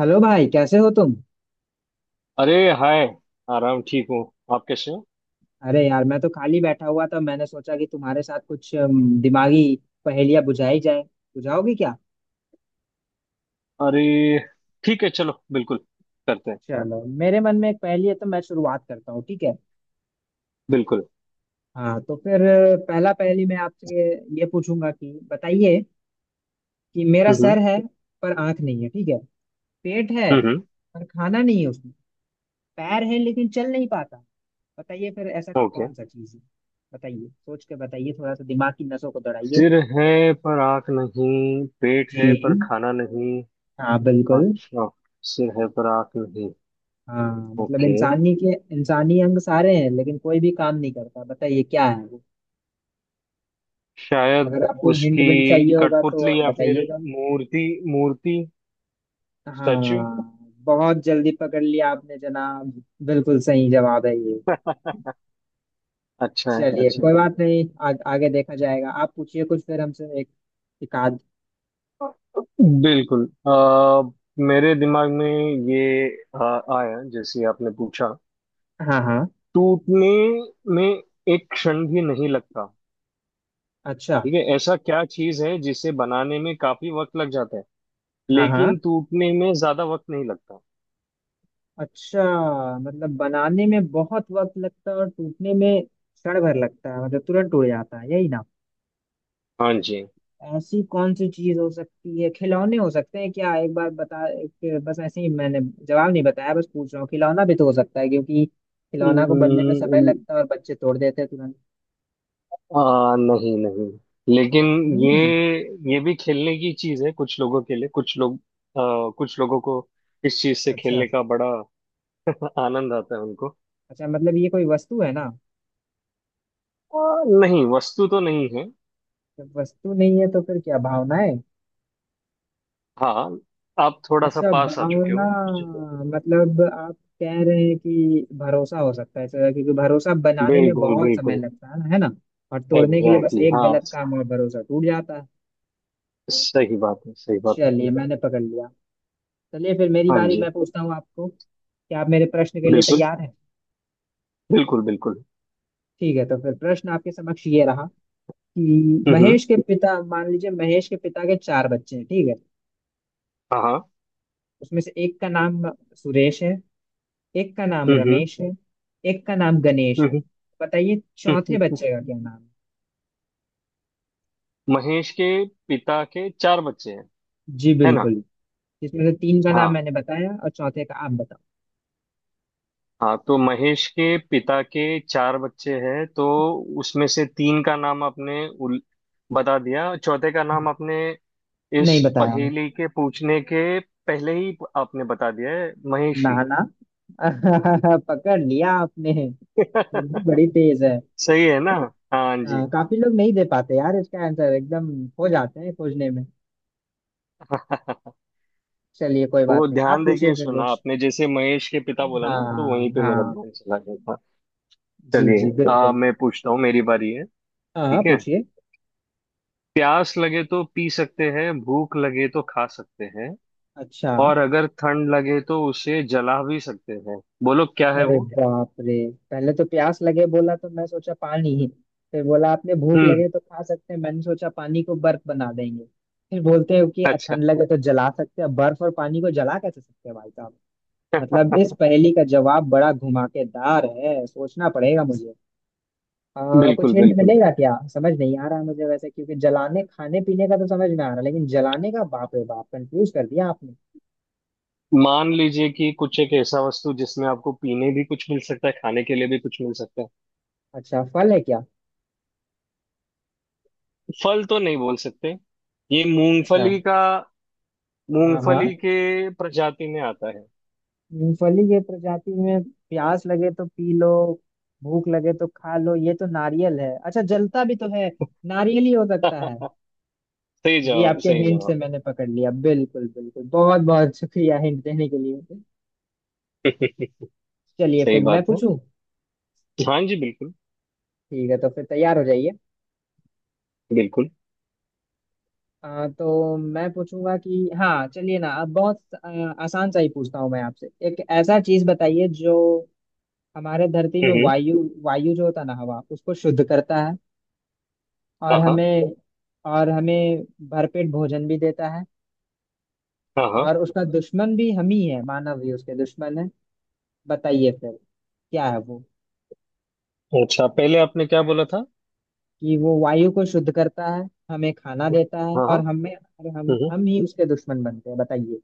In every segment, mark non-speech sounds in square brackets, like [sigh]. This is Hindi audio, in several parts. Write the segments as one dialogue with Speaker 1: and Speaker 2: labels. Speaker 1: हेलो भाई, कैसे हो तुम?
Speaker 2: अरे हाय। आराम ठीक हूँ। आप कैसे हो?
Speaker 1: अरे यार, मैं तो खाली बैठा हुआ था। मैंने सोचा कि तुम्हारे साथ कुछ दिमागी पहेलियां बुझाई जाए। बुझाओगे क्या?
Speaker 2: अरे ठीक है, चलो बिल्कुल करते हैं।
Speaker 1: चलो, मेरे मन में एक पहेली है, तो मैं शुरुआत करता हूँ, ठीक है।
Speaker 2: बिल्कुल।
Speaker 1: हाँ, तो फिर पहला पहेली मैं आपसे ये पूछूंगा कि बताइए कि मेरा सर
Speaker 2: हम्म।
Speaker 1: है पर आंख नहीं है, ठीक है। पेट है
Speaker 2: हम्म।
Speaker 1: पर खाना नहीं है उसमें। पैर है लेकिन चल नहीं पाता। बताइए फिर ऐसा
Speaker 2: ओके।
Speaker 1: कौन सा चीज़ है। बताइए, सोच के बताइए, थोड़ा सा दिमाग की नसों को दौड़ाइए।
Speaker 2: सिर है पर आँख नहीं, पेट है पर
Speaker 1: जी।
Speaker 2: खाना नहीं।
Speaker 1: हाँ, बिल्कुल।
Speaker 2: अच्छा। सिर है पर आँख नहीं।
Speaker 1: हाँ, मतलब
Speaker 2: ओके,
Speaker 1: इंसानी के इंसानी अंग सारे हैं लेकिन कोई भी काम नहीं करता। बताइए क्या है वो।
Speaker 2: शायद
Speaker 1: अगर आपको हिंट
Speaker 2: उसकी
Speaker 1: विंट चाहिए होगा तो
Speaker 2: कठपुतली,
Speaker 1: आप
Speaker 2: या फिर
Speaker 1: बताइएगा।
Speaker 2: मूर्ति। मूर्ति। स्टैचू।
Speaker 1: हाँ, बहुत जल्दी पकड़ लिया आपने जनाब। बिल्कुल सही जवाब है ये।
Speaker 2: [laughs] अच्छा है,
Speaker 1: चलिए
Speaker 2: अच्छा है।
Speaker 1: कोई बात नहीं, आगे देखा जाएगा। आप पूछिए कुछ फिर हमसे, एक एक आध।
Speaker 2: बिल्कुल। मेरे दिमाग में ये अ, आया जैसे आपने पूछा।
Speaker 1: हाँ हाँ।
Speaker 2: टूटने में एक क्षण भी नहीं लगता।
Speaker 1: अच्छा।
Speaker 2: ठीक है, ऐसा क्या चीज है जिसे बनाने में काफी वक्त लग जाता है,
Speaker 1: हाँ हाँ।
Speaker 2: लेकिन टूटने में ज्यादा वक्त नहीं लगता।
Speaker 1: अच्छा, मतलब बनाने में बहुत वक्त लगता है और टूटने में क्षण भर लगता है, मतलब तुरंत टूट जाता है, यही ना।
Speaker 2: हाँ जी।
Speaker 1: ऐसी कौन सी चीज हो सकती है? खिलौने हो सकते हैं क्या? एक बार बता बस ऐसे ही मैंने जवाब नहीं बताया, बस पूछ रहा हूँ। खिलौना भी तो हो सकता है, क्योंकि खिलौना को बनने में समय
Speaker 2: हम्म,
Speaker 1: लगता है और बच्चे तोड़ देते हैं तुरंत।
Speaker 2: नहीं नहीं, लेकिन ये
Speaker 1: नहीं।
Speaker 2: ये भी खेलने की चीज है कुछ लोगों के लिए। कुछ लोग, कुछ लोगों को इस चीज से
Speaker 1: अच्छा।
Speaker 2: खेलने का बड़ा आनंद आता है उनको।
Speaker 1: अच्छा, मतलब ये कोई वस्तु है ना।
Speaker 2: आ, नहीं, वस्तु तो नहीं है।
Speaker 1: जब वस्तु नहीं है तो फिर क्या भावना है?
Speaker 2: हाँ, आप थोड़ा सा
Speaker 1: अच्छा,
Speaker 2: पास आ चुके
Speaker 1: भावना।
Speaker 2: हो।
Speaker 1: मतलब आप कह रहे हैं कि भरोसा हो सकता है सर, क्योंकि भरोसा बनाने में
Speaker 2: बिल्कुल
Speaker 1: बहुत समय
Speaker 2: बिल्कुल।
Speaker 1: लगता है ना। और तोड़ने के लिए बस
Speaker 2: एग्जैक्टली exactly,
Speaker 1: एक
Speaker 2: हाँ,
Speaker 1: गलत काम, और भरोसा टूट जाता है।
Speaker 2: सही बात है, सही बात है।
Speaker 1: चलिए, मैंने पकड़ लिया। चलिए फिर मेरी
Speaker 2: हाँ
Speaker 1: बारी।
Speaker 2: जी।
Speaker 1: मैं पूछता हूँ आपको, क्या आप मेरे प्रश्न के लिए
Speaker 2: बिल्कुल,
Speaker 1: तैयार हैं?
Speaker 2: बिल्कुल बिल्कुल।
Speaker 1: ठीक है, तो फिर प्रश्न आपके समक्ष ये रहा, कि
Speaker 2: हम्म।
Speaker 1: महेश के पिता, मान लीजिए महेश के पिता के चार बच्चे हैं, ठीक है।
Speaker 2: हाँ हाँ।
Speaker 1: उसमें से एक का नाम सुरेश है, एक का नाम
Speaker 2: हम्म।
Speaker 1: रमेश है, एक का नाम गणेश है।
Speaker 2: हम्म।
Speaker 1: बताइए चौथे
Speaker 2: हम्म।
Speaker 1: बच्चे का क्या नाम है।
Speaker 2: महेश के पिता के चार बच्चे हैं,
Speaker 1: जी
Speaker 2: है ना?
Speaker 1: बिल्कुल। जिसमें से तीन का नाम
Speaker 2: हाँ,
Speaker 1: मैंने बताया और चौथे का आप बताओ।
Speaker 2: हाँ तो महेश के पिता के चार बच्चे हैं, तो उसमें से तीन का नाम आपने बता दिया, चौथे का नाम आपने इस
Speaker 1: नहीं बताया।
Speaker 2: पहेली के पूछने के पहले ही आपने बता दिया है, महेश
Speaker 1: ना
Speaker 2: ही
Speaker 1: ना। [laughs] पकड़ लिया आपने।
Speaker 2: है।
Speaker 1: बुद्धि
Speaker 2: [laughs]
Speaker 1: बड़ी तेज है।
Speaker 2: सही है ना? हाँ जी।
Speaker 1: हाँ, काफी लोग नहीं दे पाते यार इसका आंसर, एकदम खो जाते हैं खोजने में।
Speaker 2: [laughs]
Speaker 1: चलिए कोई
Speaker 2: वो
Speaker 1: बात नहीं, आप
Speaker 2: ध्यान
Speaker 1: पूछिए
Speaker 2: देके
Speaker 1: फिर
Speaker 2: सुना
Speaker 1: कुछ।
Speaker 2: आपने, जैसे महेश के पिता बोला ना, तो
Speaker 1: हाँ
Speaker 2: वहीं पे मेरा
Speaker 1: हाँ।
Speaker 2: ध्यान चला गया था।
Speaker 1: जी
Speaker 2: चलिए,
Speaker 1: जी बिल्कुल।
Speaker 2: मैं पूछता हूँ, मेरी बारी है।
Speaker 1: हाँ हाँ,
Speaker 2: ठीक है,
Speaker 1: पूछिए।
Speaker 2: प्यास लगे तो पी सकते हैं, भूख लगे तो खा सकते हैं,
Speaker 1: अच्छा।
Speaker 2: और अगर ठंड लगे तो उसे जला भी सकते हैं। बोलो क्या है
Speaker 1: अरे
Speaker 2: वो?
Speaker 1: बाप रे। पहले तो प्यास लगे बोला, तो मैं सोचा पानी ही। फिर बोला आपने भूख
Speaker 2: हम्म।
Speaker 1: लगे तो खा सकते हैं, मैंने सोचा पानी को बर्फ बना देंगे। फिर बोलते हैं कि
Speaker 2: अच्छा।
Speaker 1: ठंड लगे तो जला सकते हैं, बर्फ और पानी को जला कैसे सकते हैं भाई साहब। मतलब इस
Speaker 2: [laughs]
Speaker 1: पहेली का जवाब बड़ा घुमाकेदार है, सोचना पड़ेगा मुझे। कुछ
Speaker 2: बिल्कुल
Speaker 1: हिंट
Speaker 2: बिल्कुल,
Speaker 1: मिलेगा क्या? समझ नहीं आ रहा है मुझे वैसे, क्योंकि जलाने खाने पीने का तो समझ में आ रहा है, लेकिन जलाने का, बाप रे बाप, कंफ्यूज कर दिया आपने।
Speaker 2: मान लीजिए कि कुछ एक ऐसा वस्तु जिसमें आपको पीने भी कुछ मिल सकता है, खाने के लिए भी कुछ मिल सकता है।
Speaker 1: अच्छा, फल है क्या?
Speaker 2: फल तो नहीं बोल सकते। ये
Speaker 1: अच्छा।
Speaker 2: मूंगफली का,
Speaker 1: हाँ
Speaker 2: मूंगफली
Speaker 1: हाँ।
Speaker 2: के प्रजाति में आता है।
Speaker 1: मूंगफली के प्रजाति में, प्यास लगे तो पी लो, भूख लगे तो खा लो, ये तो नारियल है। अच्छा, जलता भी तो है।
Speaker 2: [laughs]
Speaker 1: नारियल ही हो सकता है।
Speaker 2: सही
Speaker 1: जी,
Speaker 2: जवाब,
Speaker 1: आपके
Speaker 2: सही
Speaker 1: हिंट से
Speaker 2: जवाब।
Speaker 1: मैंने पकड़ लिया। बिल्कुल बिल्कुल, बहुत बहुत शुक्रिया हिंट देने के लिए।
Speaker 2: [laughs]
Speaker 1: चलिए
Speaker 2: सही
Speaker 1: फिर मैं
Speaker 2: बात है।
Speaker 1: पूछूं।
Speaker 2: हाँ जी बिल्कुल।
Speaker 1: ठीक है, तो फिर तैयार हो जाइए।
Speaker 2: बिल्कुल।
Speaker 1: तो मैं पूछूंगा कि, हाँ चलिए ना, अब बहुत आसान सा ही पूछता हूँ मैं आपसे। एक ऐसा चीज बताइए जो हमारे धरती में
Speaker 2: हम्म।
Speaker 1: वायु वायु जो होता है ना, हवा, उसको शुद्ध करता है, और
Speaker 2: हाँ हाँ।
Speaker 1: हमें, और हमें भरपेट भोजन भी देता है,
Speaker 2: हाँ हाँ।
Speaker 1: और उसका दुश्मन भी हम ही है, मानव ही उसके दुश्मन है। बताइए फिर क्या है वो।
Speaker 2: अच्छा पहले आपने क्या बोला था?
Speaker 1: कि वो वायु को शुद्ध करता है, हमें खाना देता है,
Speaker 2: हाँ
Speaker 1: और
Speaker 2: हाँ।
Speaker 1: हमें, और हम
Speaker 2: हम्म।
Speaker 1: हम ही उसके दुश्मन बनते हैं। बताइए।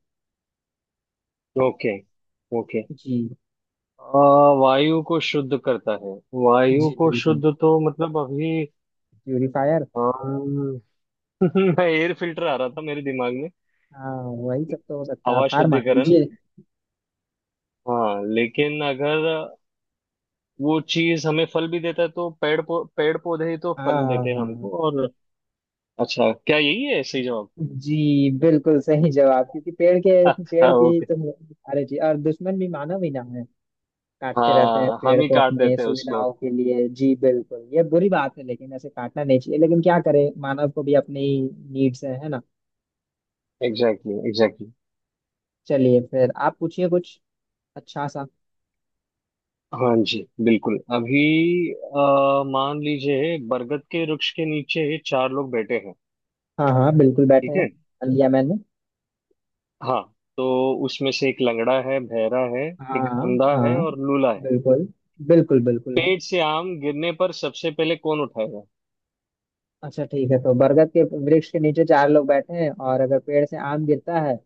Speaker 2: ओके। ओके।
Speaker 1: जी
Speaker 2: वायु को शुद्ध करता है। वायु
Speaker 1: जी
Speaker 2: को
Speaker 1: बिल्कुल।
Speaker 2: शुद्ध तो मतलब अभी।
Speaker 1: प्यूरिफायर।
Speaker 2: अम, [laughs] एयर फिल्टर आ रहा था मेरे दिमाग में।
Speaker 1: हाँ, वही सब तो हो सकता है,
Speaker 2: हवा
Speaker 1: आप हार मान
Speaker 2: शुद्धिकरण।
Speaker 1: लीजिए।
Speaker 2: हाँ, लेकिन अगर वो चीज हमें फल भी देता है, तो पेड़ पौधे ही तो
Speaker 1: हाँ
Speaker 2: फल
Speaker 1: हाँ
Speaker 2: देते हैं हमको।
Speaker 1: हाँ।
Speaker 2: और अच्छा, क्या यही है सही जवाब?
Speaker 1: जी बिल्कुल सही जवाब, क्योंकि
Speaker 2: [laughs]
Speaker 1: पेड़
Speaker 2: अच्छा,
Speaker 1: की
Speaker 2: ओके।
Speaker 1: तो। अरे जी, और दुश्मन भी मानव ही ना है। काटते रहते हैं
Speaker 2: हाँ, हम
Speaker 1: पेड़
Speaker 2: ही
Speaker 1: को
Speaker 2: काट
Speaker 1: अपने
Speaker 2: देते हैं उसको।
Speaker 1: सुविधाओं के लिए। जी बिल्कुल ये बुरी बात है, लेकिन ऐसे काटना नहीं चाहिए, लेकिन क्या करें, मानव को भी अपनी नीड्स है ना।
Speaker 2: Exactly exactly, exactly exactly।
Speaker 1: चलिए फिर आप पूछिए कुछ अच्छा सा।
Speaker 2: हाँ जी, बिल्कुल अभी। मान लीजिए बरगद के वृक्ष के नीचे चार लोग बैठे हैं।
Speaker 1: हाँ हाँ, बिल्कुल बैठे
Speaker 2: ठीक
Speaker 1: हैं,
Speaker 2: है।
Speaker 1: कर लिया मैंने।
Speaker 2: हाँ, तो उसमें से एक लंगड़ा है, बहरा है,
Speaker 1: हाँ
Speaker 2: एक अंधा है,
Speaker 1: हाँ।
Speaker 2: और लूला है।
Speaker 1: बिल्कुल। बिल्कुल बिल्कुल है।
Speaker 2: पेड़ से आम गिरने पर सबसे पहले कौन उठाएगा?
Speaker 1: अच्छा ठीक है, तो बरगद के वृक्ष के नीचे चार लोग बैठे हैं, और अगर पेड़ से आम गिरता है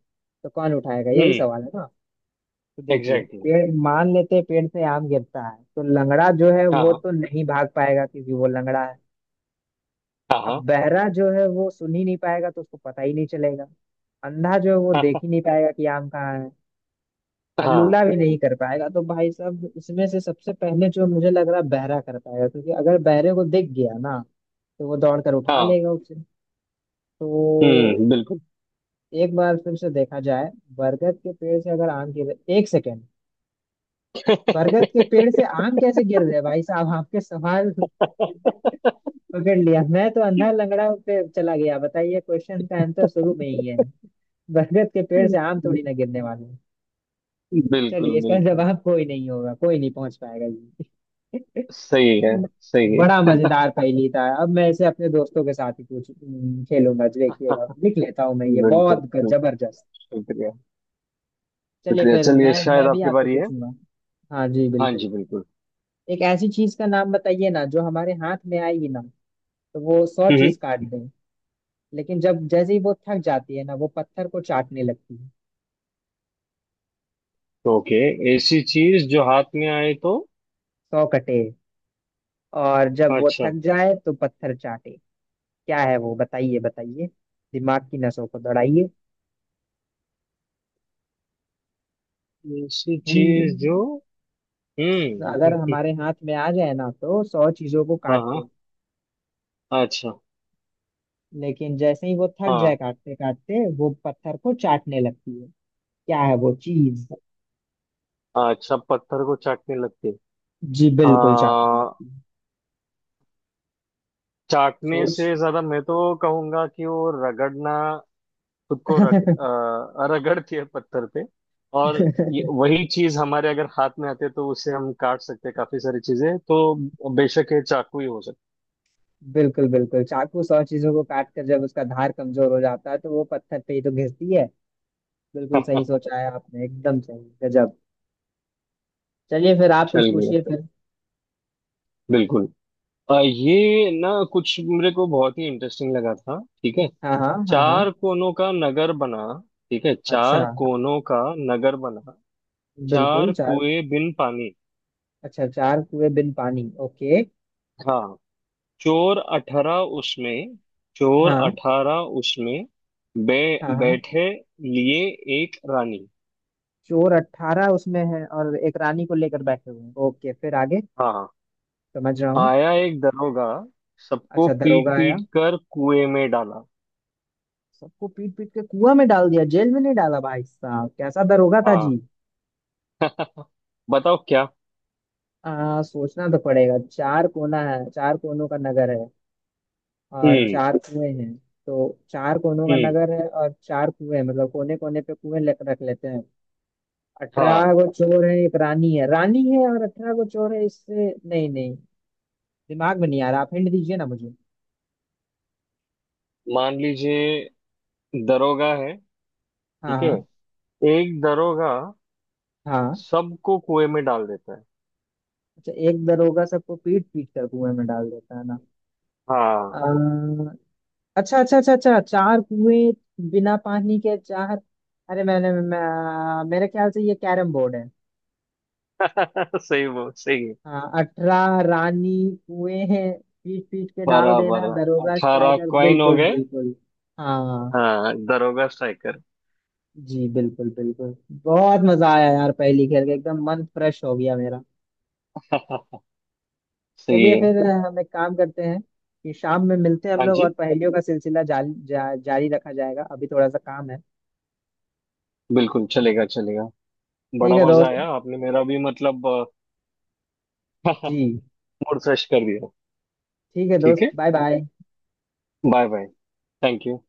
Speaker 1: तो कौन उठाएगा, यही
Speaker 2: हम्म।
Speaker 1: सवाल है ना। तो देखिए,
Speaker 2: एग्जैक्टली exactly।
Speaker 1: पेड़ मान लेते हैं पेड़ से आम गिरता है, तो लंगड़ा जो है वो
Speaker 2: हाँ
Speaker 1: तो नहीं भाग पाएगा क्योंकि वो लंगड़ा है।
Speaker 2: हाँ। हाँ
Speaker 1: अब बहरा जो है वो सुन ही नहीं पाएगा, तो उसको पता ही नहीं चलेगा। अंधा जो है वो देख ही नहीं पाएगा कि आम कहाँ है। और
Speaker 2: हाँ।
Speaker 1: लूला
Speaker 2: [laughs]
Speaker 1: भी नहीं कर पाएगा। तो भाई साहब, इसमें से सबसे पहले जो मुझे लग रहा है, बहरा कर पाएगा, क्योंकि अगर बहरे को दिख गया ना, तो वो दौड़ कर उठा
Speaker 2: हाँ।
Speaker 1: लेगा उसे। तो
Speaker 2: हम्म, बिल्कुल।
Speaker 1: एक बार फिर से देखा जाए। बरगद के पेड़ से अगर आम गिर, 1 सेकेंड, बरगद के पेड़ से आम कैसे गिर रहे भाई साहब आपके सवाल। [laughs] पकड़ लिया, मैं तो अंधा लंगड़ा पे चला गया। बताइए क्वेश्चन का आंसर शुरू में ही है, बरगद के पेड़ से आम थोड़ी ना गिरने वाले हैं।
Speaker 2: बिल्कुल
Speaker 1: चलिए इसका
Speaker 2: बिल्कुल
Speaker 1: जवाब कोई नहीं होगा, कोई नहीं पहुंच पाएगा ये।
Speaker 2: सही है।
Speaker 1: [laughs]
Speaker 2: सही
Speaker 1: बड़ा
Speaker 2: है।
Speaker 1: मजेदार पहेली था, अब मैं इसे अपने दोस्तों के साथ ही पूछ खेलूंगा। देखिएगा, लिख लेता हूँ मैं ये,
Speaker 2: बिल्कुल
Speaker 1: बहुत
Speaker 2: बिल्कुल।
Speaker 1: जबरदस्त।
Speaker 2: शुक्रिया।
Speaker 1: चलिए
Speaker 2: शुक्रिया।
Speaker 1: फिर
Speaker 2: चलिए
Speaker 1: मैं
Speaker 2: शायद
Speaker 1: मैं भी
Speaker 2: आपकी
Speaker 1: आपको
Speaker 2: बारी है।
Speaker 1: पूछूंगा। हाँ जी
Speaker 2: हाँ
Speaker 1: बिल्कुल।
Speaker 2: जी बिल्कुल।
Speaker 1: एक ऐसी चीज का नाम बताइए ना, जो हमारे हाथ में आएगी ना तो वो सौ
Speaker 2: हम्म। हम्म।
Speaker 1: चीज काट दें, लेकिन जब जैसे ही वो थक जाती है ना, वो पत्थर को चाटने लगती है।
Speaker 2: ओके, ऐसी चीज जो हाथ में आए तो।
Speaker 1: 100 कटे, और जब वो
Speaker 2: अच्छा,
Speaker 1: थक जाए तो पत्थर चाटे। क्या है वो, बताइए बताइए, दिमाग की नसों को दौड़ाइए।
Speaker 2: ऐसी चीज जो।
Speaker 1: हिंड
Speaker 2: हम्म।
Speaker 1: अगर हमारे हाथ में आ जाए ना तो 100 चीजों को
Speaker 2: [laughs] हाँ
Speaker 1: काट
Speaker 2: हाँ।
Speaker 1: दे,
Speaker 2: अच्छा।
Speaker 1: लेकिन जैसे ही वो थक जाए
Speaker 2: हाँ।
Speaker 1: काटते काटते वो पत्थर को चाटने लगती है। क्या है वो चीज?
Speaker 2: अच्छा, पत्थर को चाटने लगती।
Speaker 1: जी बिल्कुल, चाटने
Speaker 2: हाँ,
Speaker 1: लगती है।
Speaker 2: चाटने
Speaker 1: सोच।
Speaker 2: से ज्यादा मैं तो कहूंगा कि वो रगड़ना, खुद को रगड़ के पत्थर पे। और ये,
Speaker 1: [laughs]
Speaker 2: वही चीज हमारे अगर हाथ में आते तो उससे हम काट सकते हैं काफी सारी चीजें, तो बेशक ये चाकू ही हो
Speaker 1: बिल्कुल बिल्कुल, चाकू, 100 चीजों को काट कर जब उसका धार कमजोर हो जाता है तो वो पत्थर पे ही तो घिसती है। बिल्कुल सही
Speaker 2: सकता।
Speaker 1: सोचा है आपने, एकदम सही, गजब। चलिए फिर
Speaker 2: [laughs]
Speaker 1: आप कुछ
Speaker 2: चल गया।
Speaker 1: पूछिए फिर।
Speaker 2: बिल्कुल। ये ना कुछ मेरे को बहुत ही इंटरेस्टिंग लगा था। ठीक है,
Speaker 1: हाँ हाँ हाँ हाँ।
Speaker 2: चार कोनों का नगर बना, ठीक है,
Speaker 1: अच्छा।
Speaker 2: चार कोनों का नगर बना,
Speaker 1: बिल्कुल
Speaker 2: चार
Speaker 1: चार।
Speaker 2: कुएं बिन पानी।
Speaker 1: अच्छा, चार कुएं बिन पानी, ओके।
Speaker 2: हाँ। चोर अठारह उसमें, चोर
Speaker 1: हाँ
Speaker 2: अठारह उसमें,
Speaker 1: हाँ। हाँ,
Speaker 2: बैठे लिए एक रानी।
Speaker 1: चोर 18 उसमें है, और एक रानी को लेकर बैठे हुए हैं। ओके, फिर आगे।
Speaker 2: हाँ,
Speaker 1: समझ रहा हूँ।
Speaker 2: आया एक दरोगा, सबको
Speaker 1: अच्छा
Speaker 2: पीट
Speaker 1: दरोगा आया,
Speaker 2: पीट कर कुएं में डाला।
Speaker 1: सबको पीट पीट के कुआं में डाल दिया, जेल में नहीं डाला भाई साहब, कैसा दरोगा था
Speaker 2: हाँ।
Speaker 1: जी।
Speaker 2: बताओ क्या।
Speaker 1: सोचना तो पड़ेगा। चार कोना है, चार कोनों का नगर है, और
Speaker 2: हम्म।
Speaker 1: चार कुएं हैं। तो चार कोनों का
Speaker 2: हम्म।
Speaker 1: नगर है और चार कुएं हैं, मतलब कोने कोने पे कुएं रख लेते हैं। अठारह
Speaker 2: हाँ,
Speaker 1: गो चोर है, एक रानी है, रानी है और 18 गो चोर है, इससे नहीं, नहीं दिमाग में नहीं आ रहा। आप हिंट दीजिए ना मुझे।
Speaker 2: मान लीजिए दरोगा है।
Speaker 1: हाँ
Speaker 2: ठीक है,
Speaker 1: हाँ।
Speaker 2: एक दरोगा
Speaker 1: हाँ।
Speaker 2: सबको कुएं में डाल देता है।
Speaker 1: अच्छा, एक दरोगा सबको पीट पीट कर कुएं में डाल देता है
Speaker 2: हाँ।
Speaker 1: ना। अच्छा अच्छा अच्छा अच्छा, चार कुएं बिना पानी के, चार, अरे मेरे ख्याल से ये कैरम बोर्ड है।
Speaker 2: [laughs] सही, वो सही है।
Speaker 1: हाँ, 18 रानी, कुएं हैं, पीट पीट के डाल देना,
Speaker 2: बराबर,
Speaker 1: दरोगा
Speaker 2: अठारह
Speaker 1: स्ट्राइकर,
Speaker 2: कॉइन हो
Speaker 1: बिल्कुल
Speaker 2: गए।
Speaker 1: बिल्कुल। हाँ।
Speaker 2: हाँ, दरोगा स्ट्राइकर।
Speaker 1: जी बिल्कुल बिल्कुल। बहुत मजा आया यार, पहली खेल के एकदम मन फ्रेश हो गया मेरा।
Speaker 2: [laughs] सही
Speaker 1: चलिए
Speaker 2: है।
Speaker 1: फिर हम एक काम करते हैं कि शाम में मिलते हैं हम
Speaker 2: हाँ
Speaker 1: लोग,
Speaker 2: जी
Speaker 1: और पहेलियों का सिलसिला जारी जारी रखा जाएगा, अभी थोड़ा सा काम है।
Speaker 2: बिल्कुल, चलेगा चलेगा।
Speaker 1: ठीक
Speaker 2: बड़ा
Speaker 1: है
Speaker 2: मजा
Speaker 1: दोस्त।
Speaker 2: आया, आपने मेरा भी मतलब
Speaker 1: जी।
Speaker 2: मूड फ्रेश [laughs] कर दिया।
Speaker 1: ठीक है
Speaker 2: ठीक
Speaker 1: दोस्त,
Speaker 2: है,
Speaker 1: bye bye.
Speaker 2: Bye bye. Thank you.